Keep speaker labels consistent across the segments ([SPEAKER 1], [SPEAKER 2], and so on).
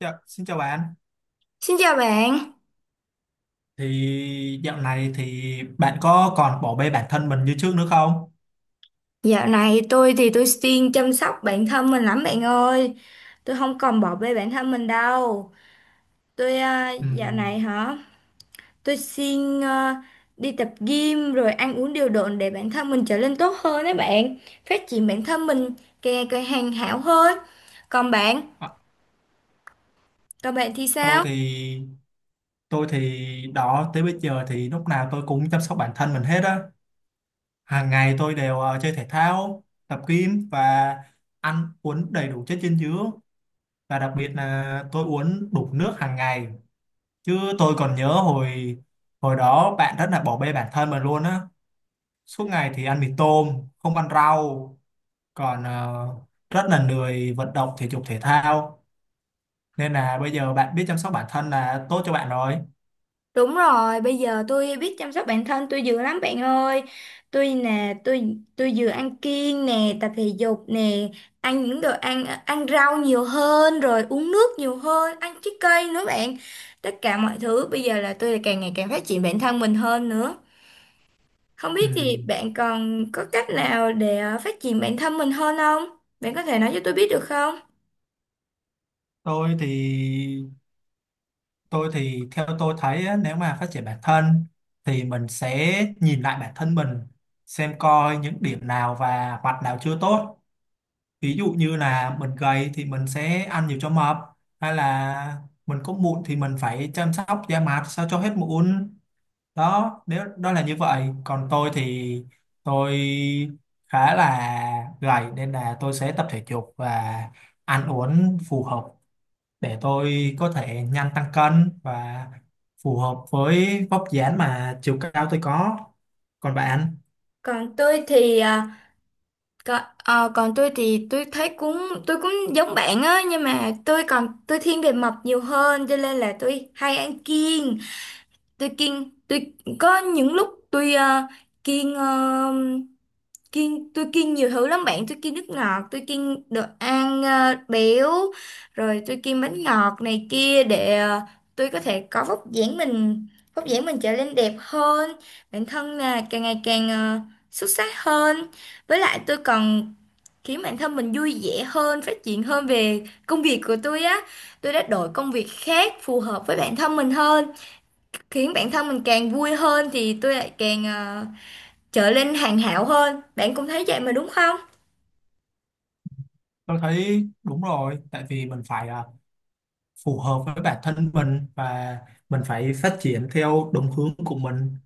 [SPEAKER 1] Dạ, xin chào bạn.
[SPEAKER 2] Xin chào bạn,
[SPEAKER 1] Dạo này bạn có còn bỏ bê bản thân mình như trước nữa không?
[SPEAKER 2] dạo này tôi thì tôi siêng chăm sóc bản thân mình lắm bạn ơi. Tôi không còn bỏ bê bản thân mình đâu. Tôi à, dạo
[SPEAKER 1] Ừm,
[SPEAKER 2] này hả, tôi siêng à, đi tập gym rồi ăn uống điều độ để bản thân mình trở nên tốt hơn đấy bạn. Phát triển bản thân mình càng ngày càng hoàn hảo hơn. Còn bạn,
[SPEAKER 1] à,
[SPEAKER 2] còn bạn thì
[SPEAKER 1] tôi
[SPEAKER 2] sao?
[SPEAKER 1] thì tôi thì đó tới bây giờ thì lúc nào tôi cũng chăm sóc bản thân mình hết á. Hàng ngày tôi đều chơi thể thao, tập gym và ăn uống đầy đủ chất dinh dưỡng, và đặc biệt là tôi uống đủ nước hàng ngày. Chứ tôi còn nhớ hồi hồi đó bạn rất là bỏ bê bản thân mình luôn á. Suốt ngày thì ăn mì tôm, không ăn rau, còn rất là lười vận động thể dục thể thao, nên là bây giờ bạn biết chăm sóc bản thân là tốt cho bạn rồi.
[SPEAKER 2] Đúng rồi, bây giờ tôi biết chăm sóc bản thân tôi dữ lắm bạn ơi. Tôi nè, tôi vừa ăn kiêng nè, tập thể dục nè, ăn những đồ ăn ăn rau nhiều hơn rồi uống nước nhiều hơn, ăn trái cây nữa bạn. Tất cả mọi thứ bây giờ là tôi càng ngày càng phát triển bản thân mình hơn nữa. Không
[SPEAKER 1] Ừ,
[SPEAKER 2] biết thì bạn còn có cách nào để phát triển bản thân mình hơn không? Bạn có thể nói cho tôi biết được không?
[SPEAKER 1] tôi thì tôi thì theo tôi thấy á, nếu mà phát triển bản thân thì mình sẽ nhìn lại bản thân mình, xem coi những điểm nào và mặt nào chưa tốt. Ví dụ như là mình gầy thì mình sẽ ăn nhiều cho mập, hay là mình có mụn thì mình phải chăm sóc da mặt sao cho hết mụn. Đó, nếu đó là như vậy, còn tôi thì tôi khá là gầy nên là tôi sẽ tập thể dục và ăn uống phù hợp để tôi có thể nhanh tăng cân và phù hợp với vóc dáng mà chiều cao tôi có. Còn bạn,
[SPEAKER 2] Còn tôi thì ờ, còn tôi thì tôi cũng giống bạn á, nhưng mà tôi còn tôi thiên về mập nhiều hơn cho nên là tôi hay ăn kiêng. Tôi kiêng, tôi có những lúc tôi kiêng, ờ, kiêng tôi kiêng nhiều thứ lắm bạn. Tôi kiêng nước ngọt, tôi kiêng đồ ăn béo, rồi tôi kiêng bánh ngọt này kia để tôi có thể có vóc dáng mình trở nên đẹp hơn, bản thân là càng ngày càng xuất sắc hơn. Với lại tôi còn khiến bản thân mình vui vẻ hơn, phát triển hơn về công việc của tôi á. Tôi đã đổi công việc khác phù hợp với bản thân mình hơn, khiến bản thân mình càng vui hơn thì tôi lại càng trở lên hoàn hảo hơn. Bạn cũng thấy vậy mà đúng không?
[SPEAKER 1] tôi thấy đúng rồi, tại vì mình phải phù hợp với bản thân mình và mình phải phát triển theo đúng hướng của mình,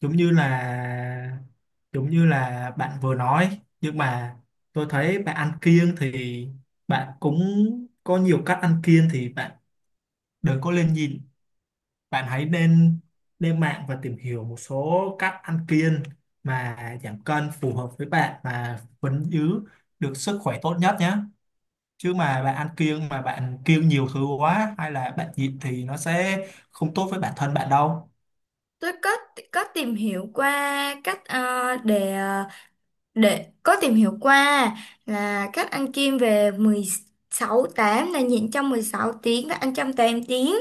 [SPEAKER 1] giống như là giống như là bạn vừa nói. Nhưng mà tôi thấy bạn ăn kiêng thì bạn cũng có nhiều cách ăn kiêng, thì bạn đừng có lên nhìn, bạn hãy nên lên mạng và tìm hiểu một số cách ăn kiêng mà giảm cân phù hợp với bạn và vẫn giữ được sức khỏe tốt nhất nhé. Chứ mà bạn ăn kiêng mà bạn kiêng nhiều thứ quá hay là bạn nhịn thì nó sẽ không tốt với bản thân bạn đâu.
[SPEAKER 2] Tôi có tìm hiểu qua cách để có tìm hiểu qua là các ăn kiêng về 16/8, là nhịn trong 16 tiếng và ăn trong 8 tiếng.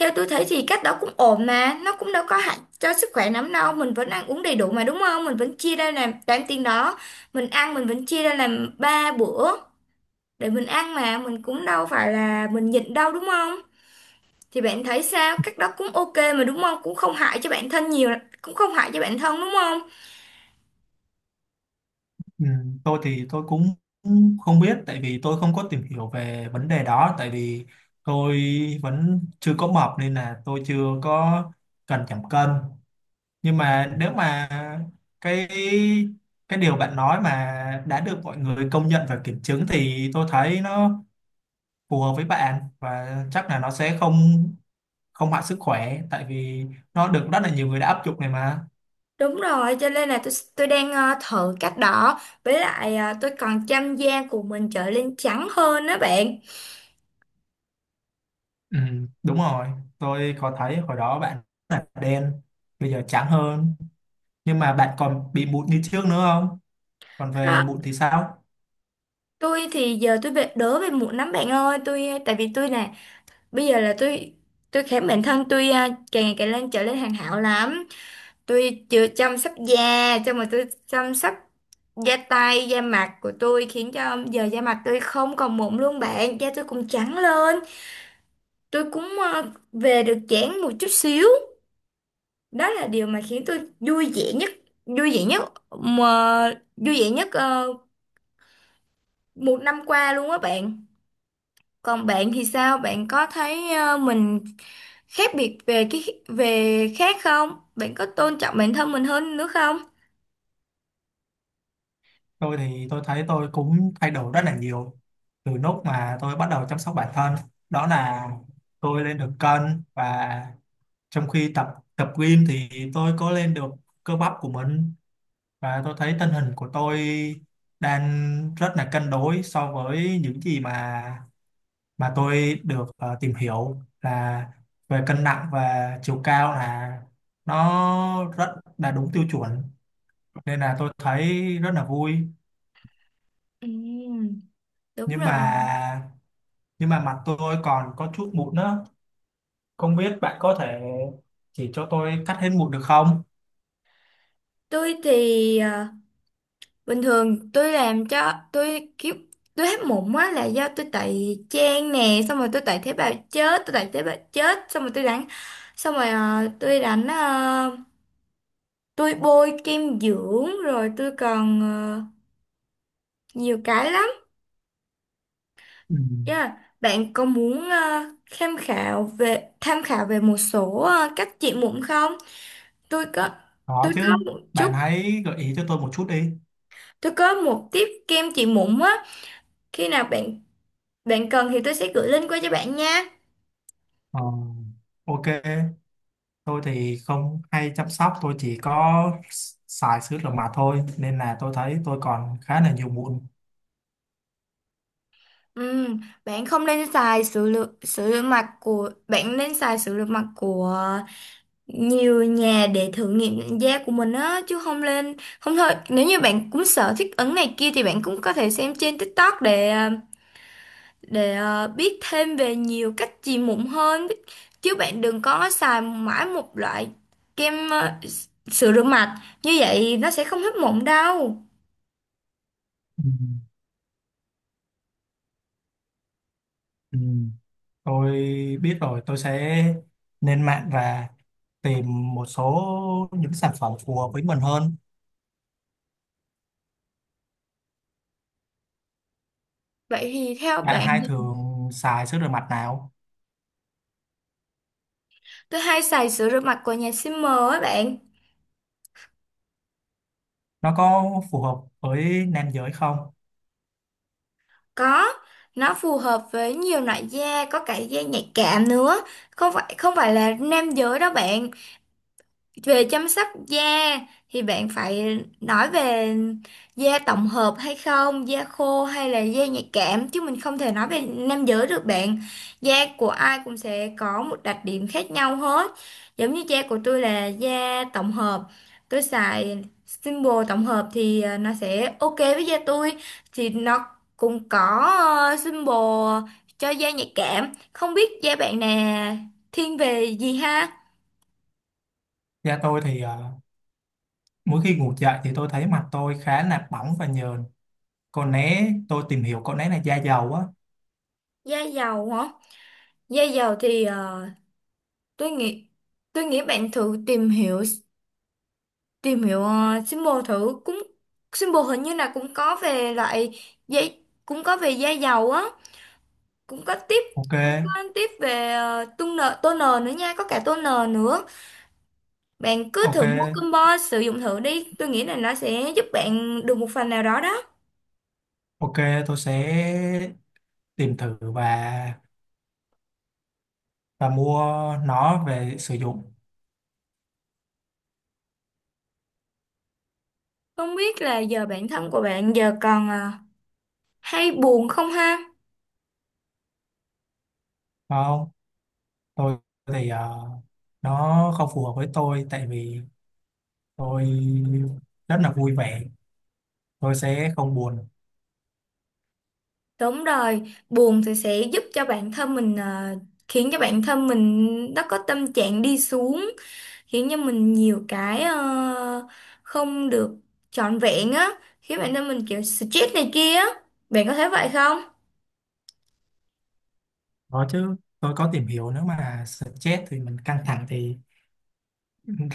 [SPEAKER 2] Theo tôi thấy thì cách đó cũng ổn mà, nó cũng đâu có hại cho sức khỏe lắm đâu, mình vẫn ăn uống đầy đủ mà đúng không? Mình vẫn chia ra làm 8 tiếng đó, mình vẫn chia ra làm 3 bữa để mình ăn mà, mình cũng đâu phải là mình nhịn đâu đúng không? Thì bạn thấy sao? Cách đó cũng ok mà đúng không? Cũng không hại cho bản thân nhiều, cũng không hại cho bản thân đúng không?
[SPEAKER 1] Ừ, tôi thì tôi cũng không biết, tại vì tôi không có tìm hiểu về vấn đề đó. Tại vì tôi vẫn chưa có mập nên là tôi chưa có cần giảm cân. Nhưng mà nếu mà cái cái điều bạn nói mà đã được mọi người công nhận và kiểm chứng thì tôi thấy nó phù hợp với bạn, và chắc là nó sẽ không không hại sức khỏe, tại vì nó được rất là nhiều người đã áp dụng này mà.
[SPEAKER 2] Đúng rồi, cho nên là tôi đang thử cách đó, với lại tôi còn chăm da của mình trở lên trắng hơn đó bạn.
[SPEAKER 1] Ừ, đúng rồi, tôi có thấy hồi đó bạn là đen, bây giờ trắng hơn. Nhưng mà bạn còn bị mụn như trước nữa không, còn về
[SPEAKER 2] Đó.
[SPEAKER 1] mụn thì sao?
[SPEAKER 2] Tôi thì giờ tôi bị đỡ về mụn lắm bạn ơi, tôi tại vì tôi nè, bây giờ là tôi khám bản thân tôi càng ngày càng lên trở lên hoàn hảo lắm. Tôi chưa chăm sóc da, cho mà tôi chăm sóc da tay, da mặt của tôi, khiến cho giờ da mặt tôi không còn mụn luôn bạn, da tôi cũng trắng lên. Tôi cũng về được dáng một chút xíu. Đó là điều mà khiến tôi vui vẻ nhất, vui vẻ nhất mà vui vẻ nhất ờ, một năm qua luôn á bạn. Còn bạn thì sao? Bạn có thấy mình khác biệt về cái về khác không? Bạn có tôn trọng bản thân mình hơn nữa không?
[SPEAKER 1] Tôi thì tôi thấy tôi cũng thay đổi rất là nhiều từ lúc mà tôi bắt đầu chăm sóc bản thân. Đó là tôi lên được cân, và trong khi tập tập gym thì tôi có lên được cơ bắp của mình. Và tôi thấy tình hình của tôi đang rất là cân đối, so với những gì mà tôi được tìm hiểu là về cân nặng và chiều cao là nó rất là đúng tiêu chuẩn, nên là tôi thấy rất là vui.
[SPEAKER 2] Ừ, đúng
[SPEAKER 1] nhưng
[SPEAKER 2] rồi.
[SPEAKER 1] mà nhưng mà mặt tôi còn có chút mụn nữa. Không biết bạn có thể chỉ cho tôi cắt hết mụn được không?
[SPEAKER 2] Tôi thì à, bình thường tôi làm cho tôi kiểu tôi hết mụn á là do tôi tẩy trang nè, xong rồi tôi tẩy tế bào chết, xong rồi xong rồi à, tôi đánh ờ, tôi bôi kem dưỡng, rồi tôi còn nhiều cái lắm.
[SPEAKER 1] Ừ,
[SPEAKER 2] Yeah. Bạn có muốn tham khảo về một số cách trị mụn không? Tôi có
[SPEAKER 1] có
[SPEAKER 2] tôi có
[SPEAKER 1] chứ,
[SPEAKER 2] một
[SPEAKER 1] bạn
[SPEAKER 2] chút
[SPEAKER 1] hãy gợi ý cho tôi một chút đi.
[SPEAKER 2] tôi có một tiếp kem trị mụn á. Khi nào bạn bạn cần thì tôi sẽ gửi link qua cho bạn nha.
[SPEAKER 1] Ờ, ok, tôi thì không hay chăm sóc, tôi chỉ có xài sữa rửa mặt thôi, nên là tôi thấy tôi còn khá là nhiều mụn.
[SPEAKER 2] Bạn không nên xài sữa lượng sữa rửa mặt của bạn, nên xài sữa rửa mặt của nhiều nhà để thử nghiệm nhận da của mình á, chứ không lên không thôi. Nếu như bạn cũng sợ thích ứng này kia thì bạn cũng có thể xem trên TikTok để biết thêm về nhiều cách trị mụn hơn, chứ bạn đừng có xài mãi một loại kem à, sữa rửa mặt như vậy nó sẽ không hết mụn đâu.
[SPEAKER 1] Ừ. Ừ. Tôi biết rồi, tôi sẽ lên mạng và tìm một số những sản phẩm phù hợp với mình hơn.
[SPEAKER 2] Vậy thì theo
[SPEAKER 1] Bạn
[SPEAKER 2] bạn?
[SPEAKER 1] hay thường xài sữa rửa mặt nào,
[SPEAKER 2] Tôi hay xài sữa rửa mặt của nhà Simmer á bạn.
[SPEAKER 1] nó có phù hợp với nam giới không?
[SPEAKER 2] Có, nó phù hợp với nhiều loại da, có cả da nhạy cảm nữa. Không phải là nam giới đâu bạn. Về chăm sóc da thì bạn phải nói về da tổng hợp hay không, da khô hay là da nhạy cảm, chứ mình không thể nói về nam giới được bạn. Da của ai cũng sẽ có một đặc điểm khác nhau hết. Giống như da của tôi là da tổng hợp. Tôi xài Symbol tổng hợp thì nó sẽ ok với da tôi, thì nó cũng có Symbol cho da nhạy cảm. Không biết da bạn nè thiên về gì ha?
[SPEAKER 1] Da tôi thì mỗi khi ngủ dậy thì tôi thấy mặt tôi khá là bỏng và nhờn, còn né tôi tìm hiểu con né là da dầu á.
[SPEAKER 2] Da dầu hả? Da dầu thì tôi nghĩ tôi nghĩ bạn thử tìm hiểu symbol thử cũng, symbol hình như là cũng có về loại giấy, cũng có về da dầu á, cũng có tiếp
[SPEAKER 1] Ok.
[SPEAKER 2] cũng có tiếp về toner toner nữa nha, có cả toner nữa. Bạn cứ
[SPEAKER 1] Ok.
[SPEAKER 2] thử mua combo sử dụng thử đi, tôi nghĩ là nó sẽ giúp bạn được một phần nào đó đó.
[SPEAKER 1] Ok, tôi sẽ tìm thử và mua nó về sử dụng.
[SPEAKER 2] Không biết là giờ bản thân của bạn giờ còn hay buồn không ha?
[SPEAKER 1] Không, tôi thì nó không phù hợp với tôi, tại vì tôi rất là vui vẻ, tôi sẽ không buồn.
[SPEAKER 2] Đúng rồi, buồn thì sẽ giúp cho bản thân mình khiến cho bản thân mình nó có tâm trạng đi xuống, khiến cho mình nhiều cái không được trọn vẹn á, khiến bản thân mình kiểu stress này kia á. Bạn có thấy vậy không?
[SPEAKER 1] Đó chứ, tôi có tìm hiểu nếu mà stress thì mình căng thẳng thì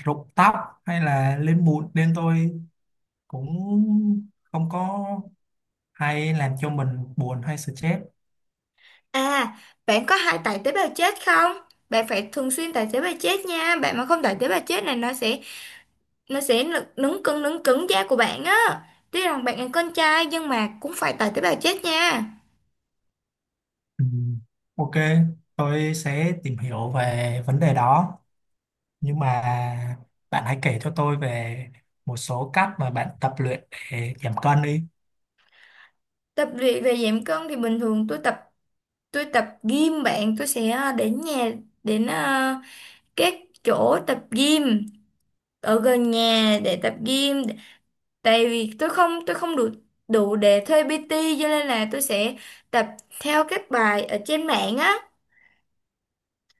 [SPEAKER 1] rụng tóc hay là lên mụn, nên tôi cũng không có hay làm cho mình buồn hay stress.
[SPEAKER 2] À, bạn có hay tải tế bào chết không? Bạn phải thường xuyên tải tế bào chết nha. Bạn mà không tải tế bào chết này nó sẽ nứng cứng da của bạn á. Tuy rằng bạn là con trai nhưng mà cũng phải tải tế bào chết nha.
[SPEAKER 1] Ừ. Ok, tôi sẽ tìm hiểu về vấn đề đó. Nhưng mà bạn hãy kể cho tôi về một số cách mà bạn tập luyện để giảm cân đi.
[SPEAKER 2] Tập luyện về giảm cân thì bình thường tôi tập gym bạn. Tôi sẽ đến nhà, đến các chỗ tập gym ở gần nhà để tập gym, tại vì tôi không đủ đủ để thuê PT, cho nên là tôi sẽ tập theo các bài ở trên mạng á.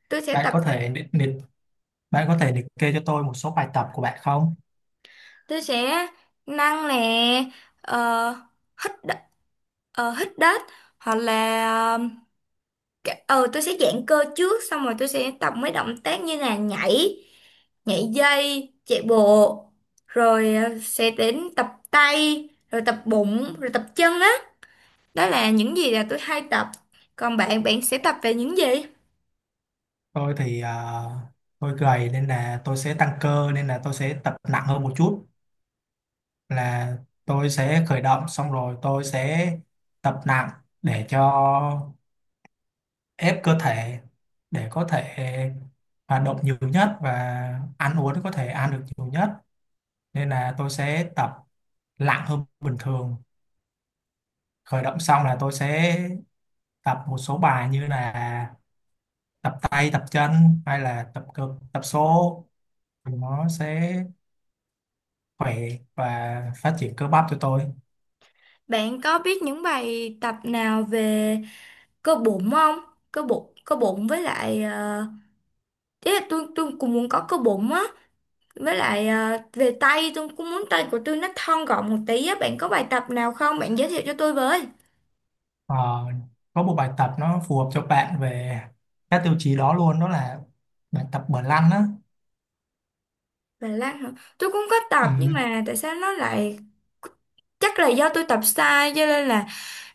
[SPEAKER 2] tôi sẽ
[SPEAKER 1] Bạn
[SPEAKER 2] tập
[SPEAKER 1] có thể liệt, liệt, bạn có thể liệt kê cho tôi một số bài tập của bạn không?
[SPEAKER 2] tôi sẽ nâng nè, ờ, hít đ- hít đất, hoặc là à, tôi sẽ giãn cơ trước, xong rồi tôi sẽ tập mấy động tác như là nhảy nhảy dây, chạy bộ, rồi sẽ đến tập tay rồi tập bụng rồi tập chân á đó. Là những gì là tôi hay tập. Còn bạn, bạn sẽ tập về những gì?
[SPEAKER 1] Tôi thì tôi gầy nên là tôi sẽ tăng cơ, nên là tôi sẽ tập nặng hơn một chút. Là tôi sẽ khởi động, xong rồi tôi sẽ tập nặng để cho ép cơ thể, để có thể hoạt động nhiều nhất và ăn uống có thể ăn được nhiều nhất, nên là tôi sẽ tập lặng hơn bình thường. Khởi động xong là tôi sẽ tập một số bài như là tập tay, tập chân hay là tập cơ tập số, thì nó sẽ khỏe và phát triển cơ bắp cho tôi.
[SPEAKER 2] Bạn có biết những bài tập nào về cơ bụng không? Cơ bụng với lại ý là tôi cũng muốn có cơ bụng á. Với lại à, về tay tôi cũng muốn tay của tôi nó thon gọn một tí á. Bạn có bài tập nào không? Bạn giới thiệu cho tôi với.
[SPEAKER 1] Ờ, có một bài tập nó phù hợp cho bạn về các tiêu chí đó luôn, đó là bài tập bờ lăn á.
[SPEAKER 2] Bài lan hả? Tôi cũng có
[SPEAKER 1] Ừ,
[SPEAKER 2] tập nhưng mà tại sao nó lại, chắc là do tôi tập sai cho nên là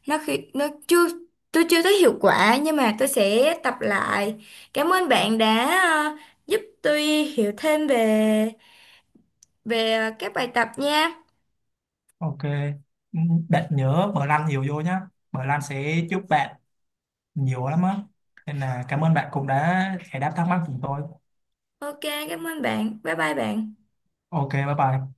[SPEAKER 2] nó, khi nó chưa, tôi chưa thấy hiệu quả, nhưng mà tôi sẽ tập lại. Cảm ơn bạn đã à, giúp tôi hiểu thêm về về à, các bài tập nha.
[SPEAKER 1] ok. Ừ, bạn nhớ bờ lăn nhiều vô nhá, bờ lăn sẽ giúp bạn nhiều lắm á. Nên là cảm ơn bạn cũng đã giải đáp thắc mắc của tôi.
[SPEAKER 2] Ok, cảm ơn bạn. Bye bye bạn.
[SPEAKER 1] Ok, bye bye.